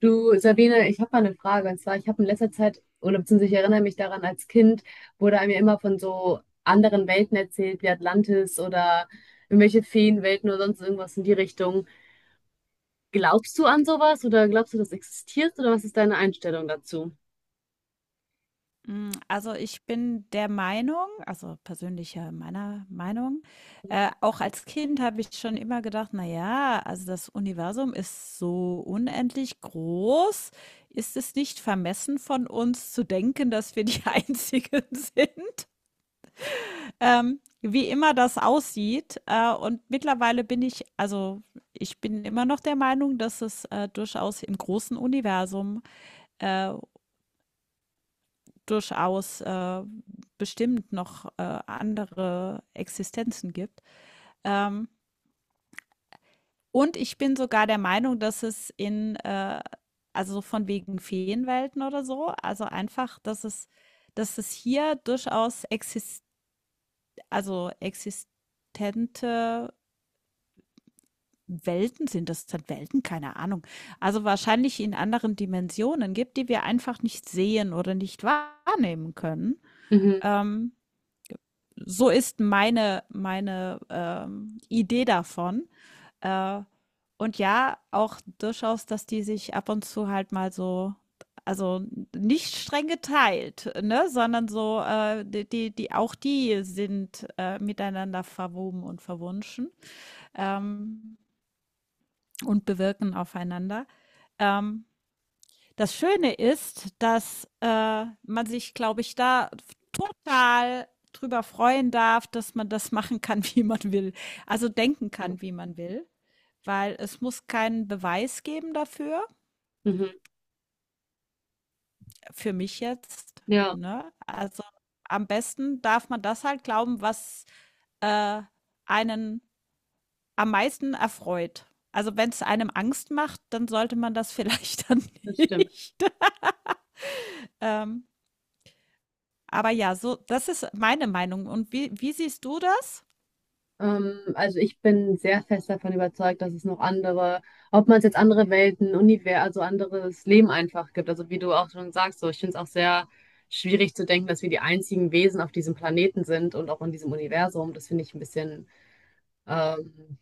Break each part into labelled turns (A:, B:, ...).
A: Du, Sabine, ich habe mal eine Frage. Und zwar, ich habe in letzter Zeit, oder beziehungsweise ich erinnere mich daran, als Kind wurde einem ja immer von so anderen Welten erzählt, wie Atlantis oder irgendwelche Feenwelten oder sonst irgendwas in die Richtung. Glaubst du an sowas oder glaubst du, das existiert oder was ist deine Einstellung dazu?
B: Also, ich bin der Meinung also, persönlicher meiner Meinung, auch als Kind habe ich schon immer gedacht: „Na ja, also, das Universum ist so unendlich groß. Ist es nicht vermessen von uns zu denken, dass wir die Einzigen sind?" Wie immer das aussieht, und mittlerweile bin ich also, ich bin immer noch der Meinung, dass es, durchaus im großen Universum, äh, durchaus, bestimmt noch, andere Existenzen gibt. Ähm, und ich bin sogar der Meinung, dass es in, also so von wegen Feenwelten oder so, also einfach, dass es hier durchaus exist also existente Welten sind das sind Welten? Keine Ahnung. Also wahrscheinlich in anderen Dimensionen gibt, die wir einfach nicht sehen oder nicht wahrnehmen können.
A: Mhm.
B: Ähm, so ist meine Idee davon. Äh, und ja, auch durchaus, dass die sich ab und zu halt mal so, also nicht streng geteilt, ne, sondern so, auch die sind miteinander verwoben und verwunschen ähm, und bewirken aufeinander. Ähm, Das Schöne ist, dass, man sich, glaube ich, da total drüber freuen darf, dass man das machen kann, wie man will. Also denken
A: Ja.
B: kann, wie man will, weil es muss keinen Beweis geben dafür,
A: Mhm.
B: für mich jetzt,
A: Ja,
B: ne? Also am besten darf man das halt glauben, was, äh, einen am meisten erfreut. Also wenn es einem Angst macht, dann sollte man das vielleicht dann
A: das stimmt.
B: nicht, ähm, aber ja, so das ist meine Meinung. Und wie siehst du das?
A: Also ich bin sehr fest davon überzeugt, dass es noch andere, ob man es jetzt andere Welten, Universen, also anderes Leben einfach gibt. Also wie du auch schon sagst, so ich finde es auch sehr schwierig zu denken, dass wir die einzigen Wesen auf diesem Planeten sind und auch in diesem Universum. Das finde ich ein bisschen, ähm,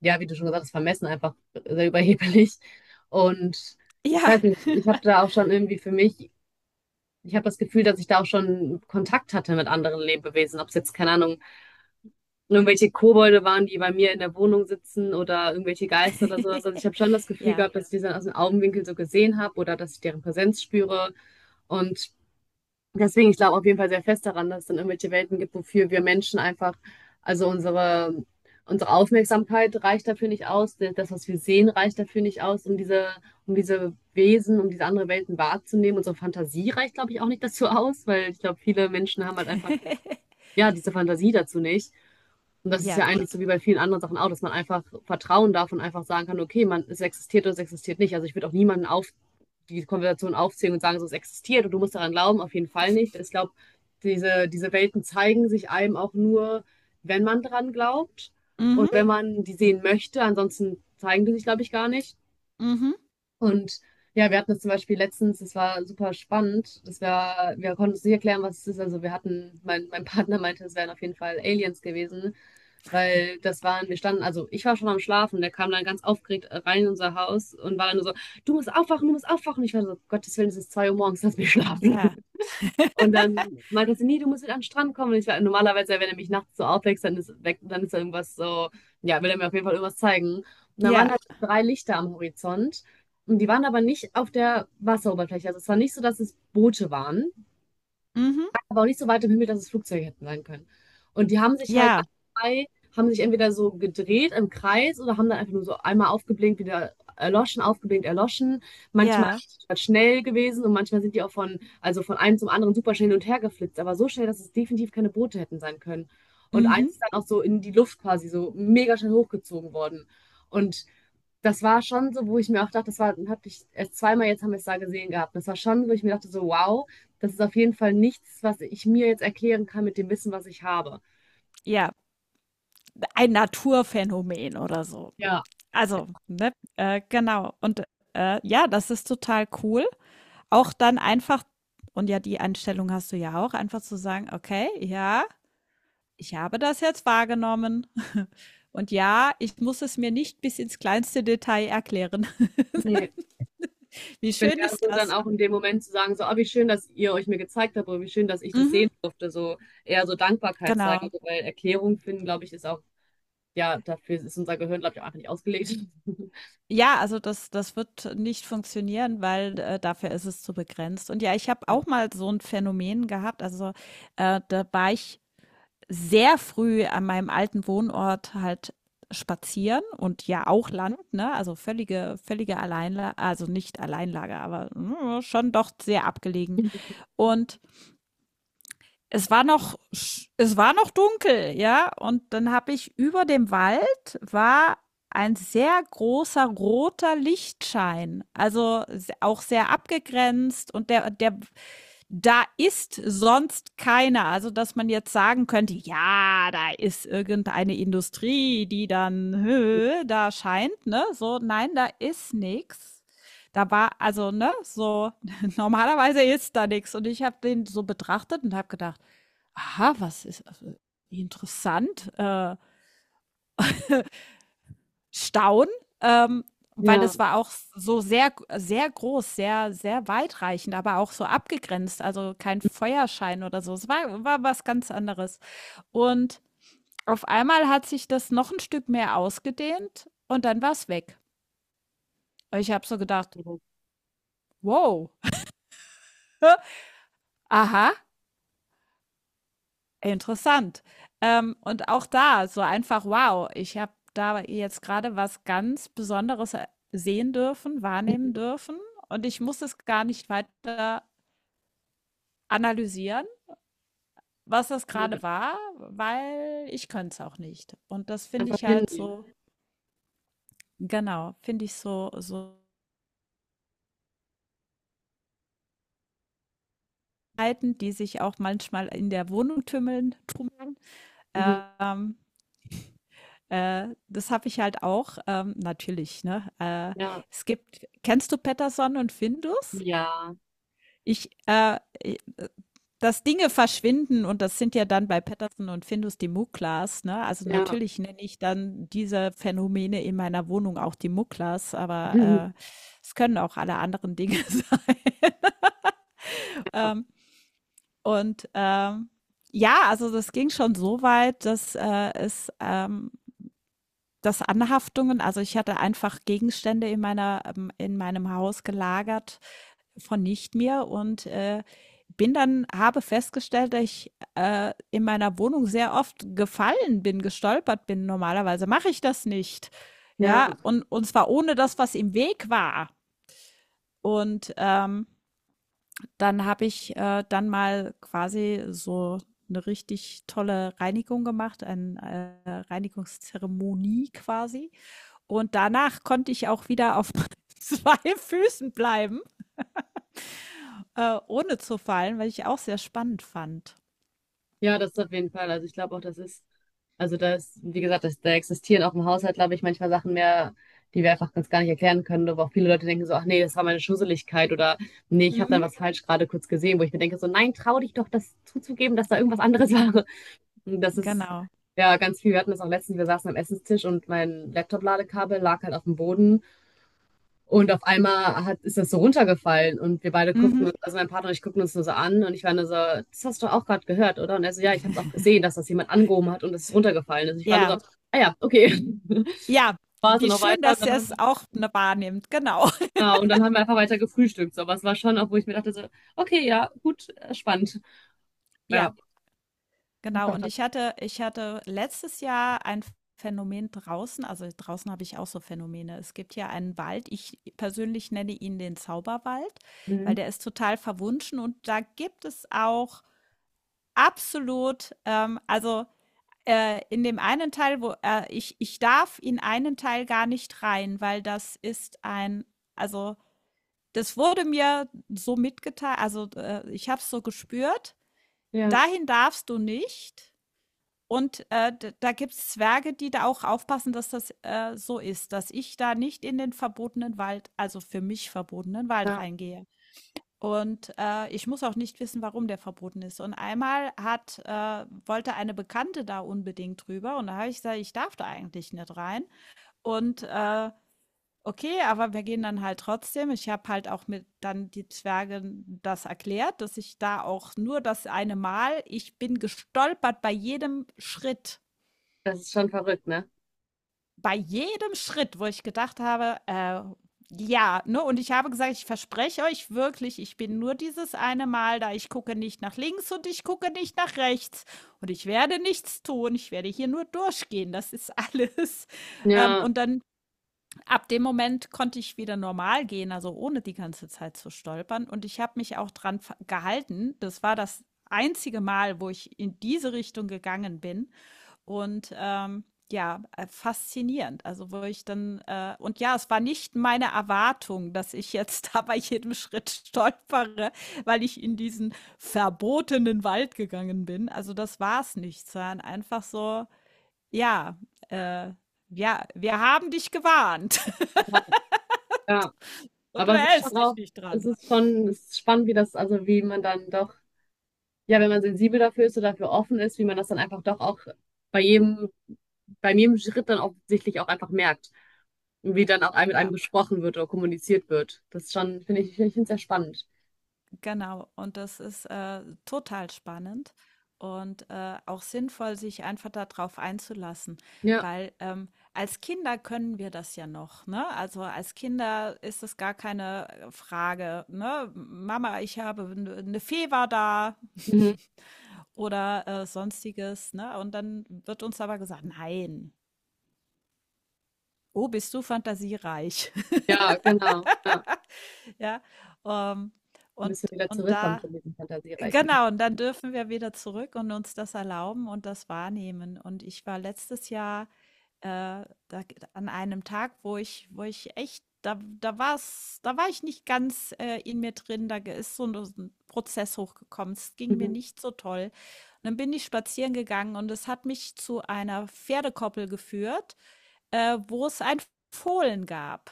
A: ja, wie du schon gesagt hast, vermessen einfach sehr überheblich. Und ich
B: Ja.
A: weiß nicht, ich habe da auch schon irgendwie für mich, ich habe das Gefühl, dass ich da auch schon Kontakt hatte mit anderen Lebewesen, ob es jetzt, keine Ahnung, irgendwelche Kobolde waren, die bei mir in der Wohnung sitzen oder irgendwelche Geister oder sowas. Also ich habe schon das Gefühl
B: Ja.
A: gehabt, dass ich die dann aus dem Augenwinkel so gesehen habe oder dass ich deren Präsenz spüre. Und deswegen, ich glaube auf jeden Fall sehr fest daran, dass es dann irgendwelche Welten gibt, wofür wir Menschen einfach, also unsere, unsere Aufmerksamkeit reicht dafür nicht aus, das, was wir sehen, reicht dafür nicht aus, um diese Wesen, um diese andere Welten wahrzunehmen. Unsere Fantasie reicht, glaube ich, auch nicht dazu aus, weil ich glaube, viele Menschen haben halt einfach, ja, diese Fantasie dazu nicht. Und das ist
B: Ja.
A: ja eigentlich so wie bei vielen anderen Sachen auch, dass man einfach vertrauen darf und einfach sagen kann, okay, man, es existiert oder es existiert nicht. Also ich würde auch niemanden auf die Konversation aufzählen und sagen, so es existiert und du musst daran glauben, auf jeden Fall nicht. Ich glaube, diese Welten zeigen sich einem auch nur, wenn man dran glaubt und
B: Mhm.
A: wenn man die sehen möchte. Ansonsten zeigen die sich, glaube ich, gar nicht.
B: Mhm.
A: Und ja, wir hatten das zum Beispiel letztens, das war super spannend. Das war, wir konnten uns nicht erklären, was es ist. Also wir hatten, mein Partner meinte, es wären auf jeden Fall Aliens gewesen. Weil das waren, wir standen, also ich war schon am Schlafen, der kam dann ganz aufgeregt rein in unser Haus und war dann nur so, du musst aufwachen, du musst aufwachen. Ich war so, Gottes Willen, es ist 2 Uhr morgens, lass mich schlafen.
B: Ja.
A: Und dann meinte sie, nee, du musst wieder an den Strand kommen. Und ich war, normalerweise, wenn er mich nachts so aufwächst, dann ist, weg, dann ist da irgendwas so, ja, will er mir auf jeden Fall irgendwas zeigen. Und dann waren
B: Ja.
A: da drei Lichter am Horizont. Und die waren aber nicht auf der Wasseroberfläche. Also es war nicht so, dass es Boote waren,
B: Mhm.
A: aber auch nicht so weit im Himmel, dass es Flugzeuge hätten sein können. Und die haben sich halt
B: Ja.
A: alle drei, haben sich entweder so gedreht im Kreis oder haben dann einfach nur so einmal aufgeblinkt, wieder erloschen, aufgeblinkt, erloschen. Manchmal
B: Ja.
A: sind die schnell gewesen und manchmal sind die auch von, also von einem zum anderen super schnell hin und her geflitzt, aber so schnell, dass es definitiv keine Boote hätten sein können. Und eins
B: Mhm.
A: ist dann auch so in die Luft quasi so mega schnell hochgezogen worden. Und das war schon so, wo ich mir auch dachte, das war, hatte ich erst zweimal, jetzt haben wir es da gesehen gehabt. Das war schon, wo ich mir dachte, so, wow, das ist auf jeden Fall nichts, was ich mir jetzt erklären kann mit dem Wissen, was ich habe.
B: Ja, ein Naturphänomen oder so.
A: Ja,
B: Also, ne, genau. Und, ja, das ist total cool. Auch dann einfach und ja, die Einstellung hast du ja auch, einfach zu sagen: „Okay, ja, ich habe das jetzt wahrgenommen. Und ja, ich muss es mir nicht bis ins kleinste Detail erklären."
A: Nee.
B: Wie
A: Ich bin
B: schön
A: eher
B: ist
A: so dann
B: das?
A: auch in dem Moment zu sagen, so, ah, wie schön, dass ihr euch mir gezeigt habt oder wie schön, dass ich das
B: Mhm,
A: sehen durfte. So eher so Dankbarkeit zeigen.
B: genau.
A: Also, weil Erklärung finden, glaube ich, ist auch, ja, dafür ist unser Gehirn, glaube ich, auch einfach nicht ausgelegt.
B: Ja, also das wird nicht funktionieren, weil, dafür ist es zu begrenzt. Und ja, ich habe
A: ja,
B: auch mal so ein Phänomen gehabt, also, da war ich sehr früh an meinem alten Wohnort halt spazieren und ja auch Land, ne? Also völlige Alleinla also nicht Alleinlage, aber, schon doch sehr abgelegen. Und es war noch, es war noch dunkel, ja. Und dann habe ich über dem Wald war ein sehr großer roter Lichtschein. Also auch sehr abgegrenzt und da ist sonst keiner. Also, dass man jetzt sagen könnte, ja, da ist irgendeine Industrie, die dann, da scheint, ne? So, nein, da ist nichts. Da war, also, ne, so, normalerweise ist da nichts. Und ich habe den so betrachtet und habe gedacht, aha, was ist also, interessant, Staunen, ähm, weil
A: Ja.
B: das war auch so sehr, sehr groß, sehr, sehr weitreichend, aber auch so abgegrenzt, also kein Feuerschein oder so. Es war was ganz anderes. Und auf einmal hat sich das noch ein Stück mehr ausgedehnt und dann war es weg. Ich habe so gedacht, wow, aha, interessant. Und auch da so einfach, wow, ich habe da jetzt gerade was ganz Besonderes e sehen dürfen, wahrnehmen dürfen und ich muss es gar nicht weiter analysieren, was das
A: Ja.
B: gerade war, weil ich könnte es auch nicht. Und das finde
A: Einfach
B: ich halt
A: hinnehmen.
B: so, genau, finde ich so, Verhalten, die sich auch manchmal in der Wohnung tümmeln, tummeln,
A: Mhm.
B: ähm, das habe ich halt auch, natürlich, ne?
A: Ja.
B: Es gibt, kennst du Patterson und Findus?
A: Ja.
B: Ich, äh, i- äh, Dass Dinge verschwinden und das sind ja dann bei Patterson und Findus die Muklas, ne? Also
A: Ja.
B: natürlich nenne ich dann diese Phänomene in meiner Wohnung auch die Muklas, aber es können auch alle anderen Dinge sein.
A: Ja.
B: Ähm, und ja, also das ging schon so weit, dass es das Anhaftungen, also ich hatte einfach Gegenstände in meiner in meinem Haus gelagert von nicht mir und bin dann, habe festgestellt, dass ich in meiner Wohnung sehr oft gefallen bin, gestolpert bin. Normalerweise mache ich das nicht. Ja,
A: Ja.
B: und zwar ohne das, was im Weg war. Und dann habe ich dann mal quasi so eine richtig tolle Reinigung gemacht, eine Reinigungszeremonie quasi. Und danach konnte ich auch wieder auf zwei Füßen bleiben, ohne zu fallen, was ich auch sehr spannend fand.
A: Ja, das ist auf jeden Fall. Also ich glaube auch, das ist, also da ist, wie gesagt, das, da existieren auch im Haushalt, glaube ich, manchmal Sachen mehr, die wir einfach ganz gar nicht erklären können, wo auch viele Leute denken so, ach nee, das war meine Schusseligkeit oder nee, ich habe dann
B: Mhm.
A: was falsch gerade kurz gesehen, wo ich mir denke so, nein, trau dich doch, das zuzugeben, dass da irgendwas anderes war. Und das ist
B: Genau.
A: ja ganz viel. Wir hatten das auch letztens, wir saßen am Essenstisch und mein Laptop-Ladekabel lag halt auf dem Boden. Und auf einmal hat, ist das so runtergefallen und wir beide
B: Mhm.
A: guckten, also mein Partner und ich guckten uns nur so an und ich war nur so, das hast du auch gerade gehört, oder? Und er so, ja, ich habe es auch gesehen, dass das jemand angehoben hat und es ist runtergefallen. Also ich war nur
B: Ja,
A: so, ah ja, okay.
B: ja,
A: War es dann
B: wie
A: noch
B: schön,
A: weiter und
B: dass ihr
A: dann haben
B: es
A: wir,
B: auch ne wahrnimmt. Genau.
A: genau, und dann haben wir einfach weiter gefrühstückt. So, aber es war schon auch, wo ich mir dachte so, okay, ja, gut, spannend.
B: Ja,
A: Ja,
B: genau.
A: doch,
B: Und
A: das,
B: ich hatte letztes Jahr ein Phänomen draußen, also draußen habe ich auch so Phänomene. Es gibt ja einen Wald, ich persönlich nenne ihn den Zauberwald,
A: mhm.
B: weil der ist total verwunschen und da gibt es auch absolut, also in dem einen Teil, wo ich darf in einen Teil gar nicht rein, weil das ist ein, also das wurde mir so mitgeteilt, also ich habe es so gespürt,
A: Ja,
B: dahin darfst du nicht. Und da gibt es Zwerge, die da auch aufpassen, dass das so ist, dass ich da nicht in den verbotenen Wald, also für mich verbotenen Wald
A: ja,
B: reingehe. Und, ich muss auch nicht wissen, warum der verboten ist. Und einmal hat wollte eine Bekannte da unbedingt drüber und da habe ich gesagt: „Ich darf da eigentlich nicht rein." Und, okay, aber wir gehen dann halt trotzdem. Ich habe halt auch mit dann die Zwerge das erklärt, dass ich da auch nur das eine Mal ich bin gestolpert bei jedem Schritt.
A: das ist schon verrückt, ne?
B: Bei jedem Schritt, wo ich gedacht habe, ja, ne, und ich habe gesagt, ich verspreche euch wirklich, ich bin nur dieses eine Mal da, ich gucke nicht nach links und ich gucke nicht nach rechts und ich werde nichts tun, ich werde hier nur durchgehen, das ist alles.
A: Ja,
B: Und dann ab dem Moment konnte ich wieder normal gehen, also ohne die ganze Zeit zu stolpern und ich habe mich auch dran gehalten. Das war das einzige Mal, wo ich in diese Richtung gegangen bin. Und ja, faszinierend. Also wo ich dann, und ja, es war nicht meine Erwartung, dass ich jetzt da bei jedem Schritt stolpere, weil ich in diesen verbotenen Wald gegangen bin. Also das war es nicht, sondern einfach so, ja, äh, ja, wir haben dich gewarnt
A: ja, ja.
B: und du
A: Aber es ist schon
B: hältst dich
A: auch,
B: nicht
A: es
B: dran.
A: ist schon, es ist spannend, wie das, also wie man dann doch ja, wenn man sensibel dafür ist oder dafür offen ist, wie man das dann einfach doch auch bei jedem, bei jedem Schritt dann offensichtlich auch einfach merkt, wie dann auch mit
B: Ja.
A: einem gesprochen wird oder kommuniziert wird. Das ist schon, finde ich, ich finde ich sehr spannend.
B: Genau, und das ist total spannend und auch sinnvoll, sich einfach darauf einzulassen,
A: Ja.
B: weil als Kinder können wir das ja noch, ne? Also als Kinder ist es gar keine Frage, ne? Mama, ich habe eine Fee war da
A: Mhm.
B: oder sonstiges, ne? Und dann wird uns aber gesagt, nein, oh, bist du fantasiereich,
A: Ja, genau. Ja.
B: ja? Ähm,
A: Wir
B: und
A: müssen wieder
B: und
A: zurückkommen
B: da
A: zu diesen Fantasiereichen.
B: Genau, und dann dürfen wir wieder zurück und uns das erlauben und das wahrnehmen. Und ich war letztes Jahr da, an einem Tag, wo wo ich echt, da war's, da war ich nicht ganz in mir drin, da ist so ein Prozess hochgekommen. Es ging mir
A: Mhm.
B: nicht so toll. Und dann bin ich spazieren gegangen und es hat mich zu einer Pferdekoppel geführt, wo es ein Fohlen gab.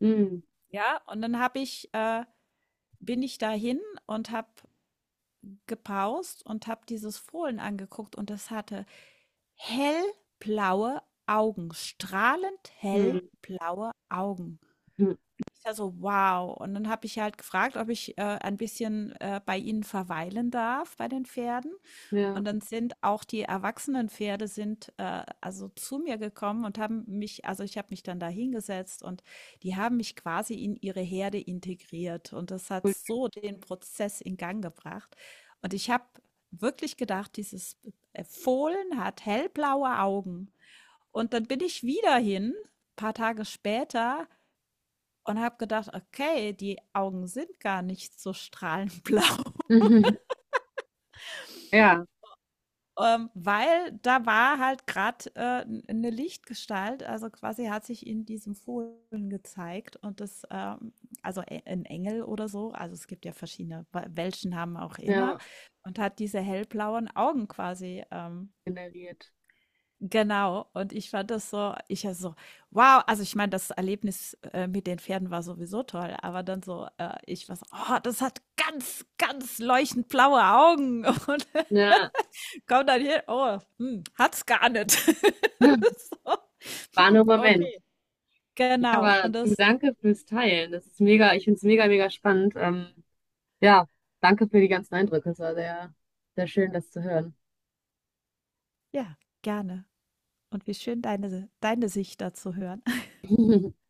A: Mhm.
B: Ja, und dann bin ich dahin und habe gepaust und habe dieses Fohlen angeguckt und es hatte hellblaue Augen, strahlend
A: Mhm.
B: hellblaue Augen.
A: Mhm.
B: Ich dachte so, wow. Und dann habe ich halt gefragt, ob ich ein bisschen bei ihnen verweilen darf, bei den Pferden.
A: Ja,
B: Und dann sind auch die erwachsenen Pferde sind, also zu mir gekommen und haben mich, also ich habe mich dann da hingesetzt und die haben mich quasi in ihre Herde integriert. Und das hat
A: cool.
B: so den Prozess in Gang gebracht. Und ich habe wirklich gedacht, dieses Fohlen hat hellblaue Augen. Und dann bin ich wieder hin, paar Tage später, und habe gedacht, okay, die Augen sind gar nicht so strahlend blau.
A: Mhm. Ja,
B: Weil da war halt gerade 'ne Lichtgestalt, also, quasi hat sich in diesem Fohlen gezeigt und das, also, e 'n Engel oder so, also, es gibt ja verschiedene we welchen Namen auch immer
A: ja,
B: und hat diese hellblauen Augen quasi,
A: generiert.
B: genau. Und ich fand das so ich also so: „Wow!" Also, ich meine, das Erlebnis, mit den Pferden war sowieso toll, aber dann so, ich war so: „Oh, das hat ganz, ganz leuchtend blaue Augen." Und
A: Ja.
B: kommt dann hier, oh, hat's gar nicht. So,
A: War nur ein Moment.
B: okay.
A: Ja,
B: Genau.
A: aber
B: Und
A: du
B: das
A: danke fürs Teilen. Das ist mega, ich finde es mega, mega spannend. Ja, danke für die ganzen Eindrücke. Es war sehr, sehr schön, das zu hören.
B: ja, gerne. Und wie schön, deine Sicht dazu hören.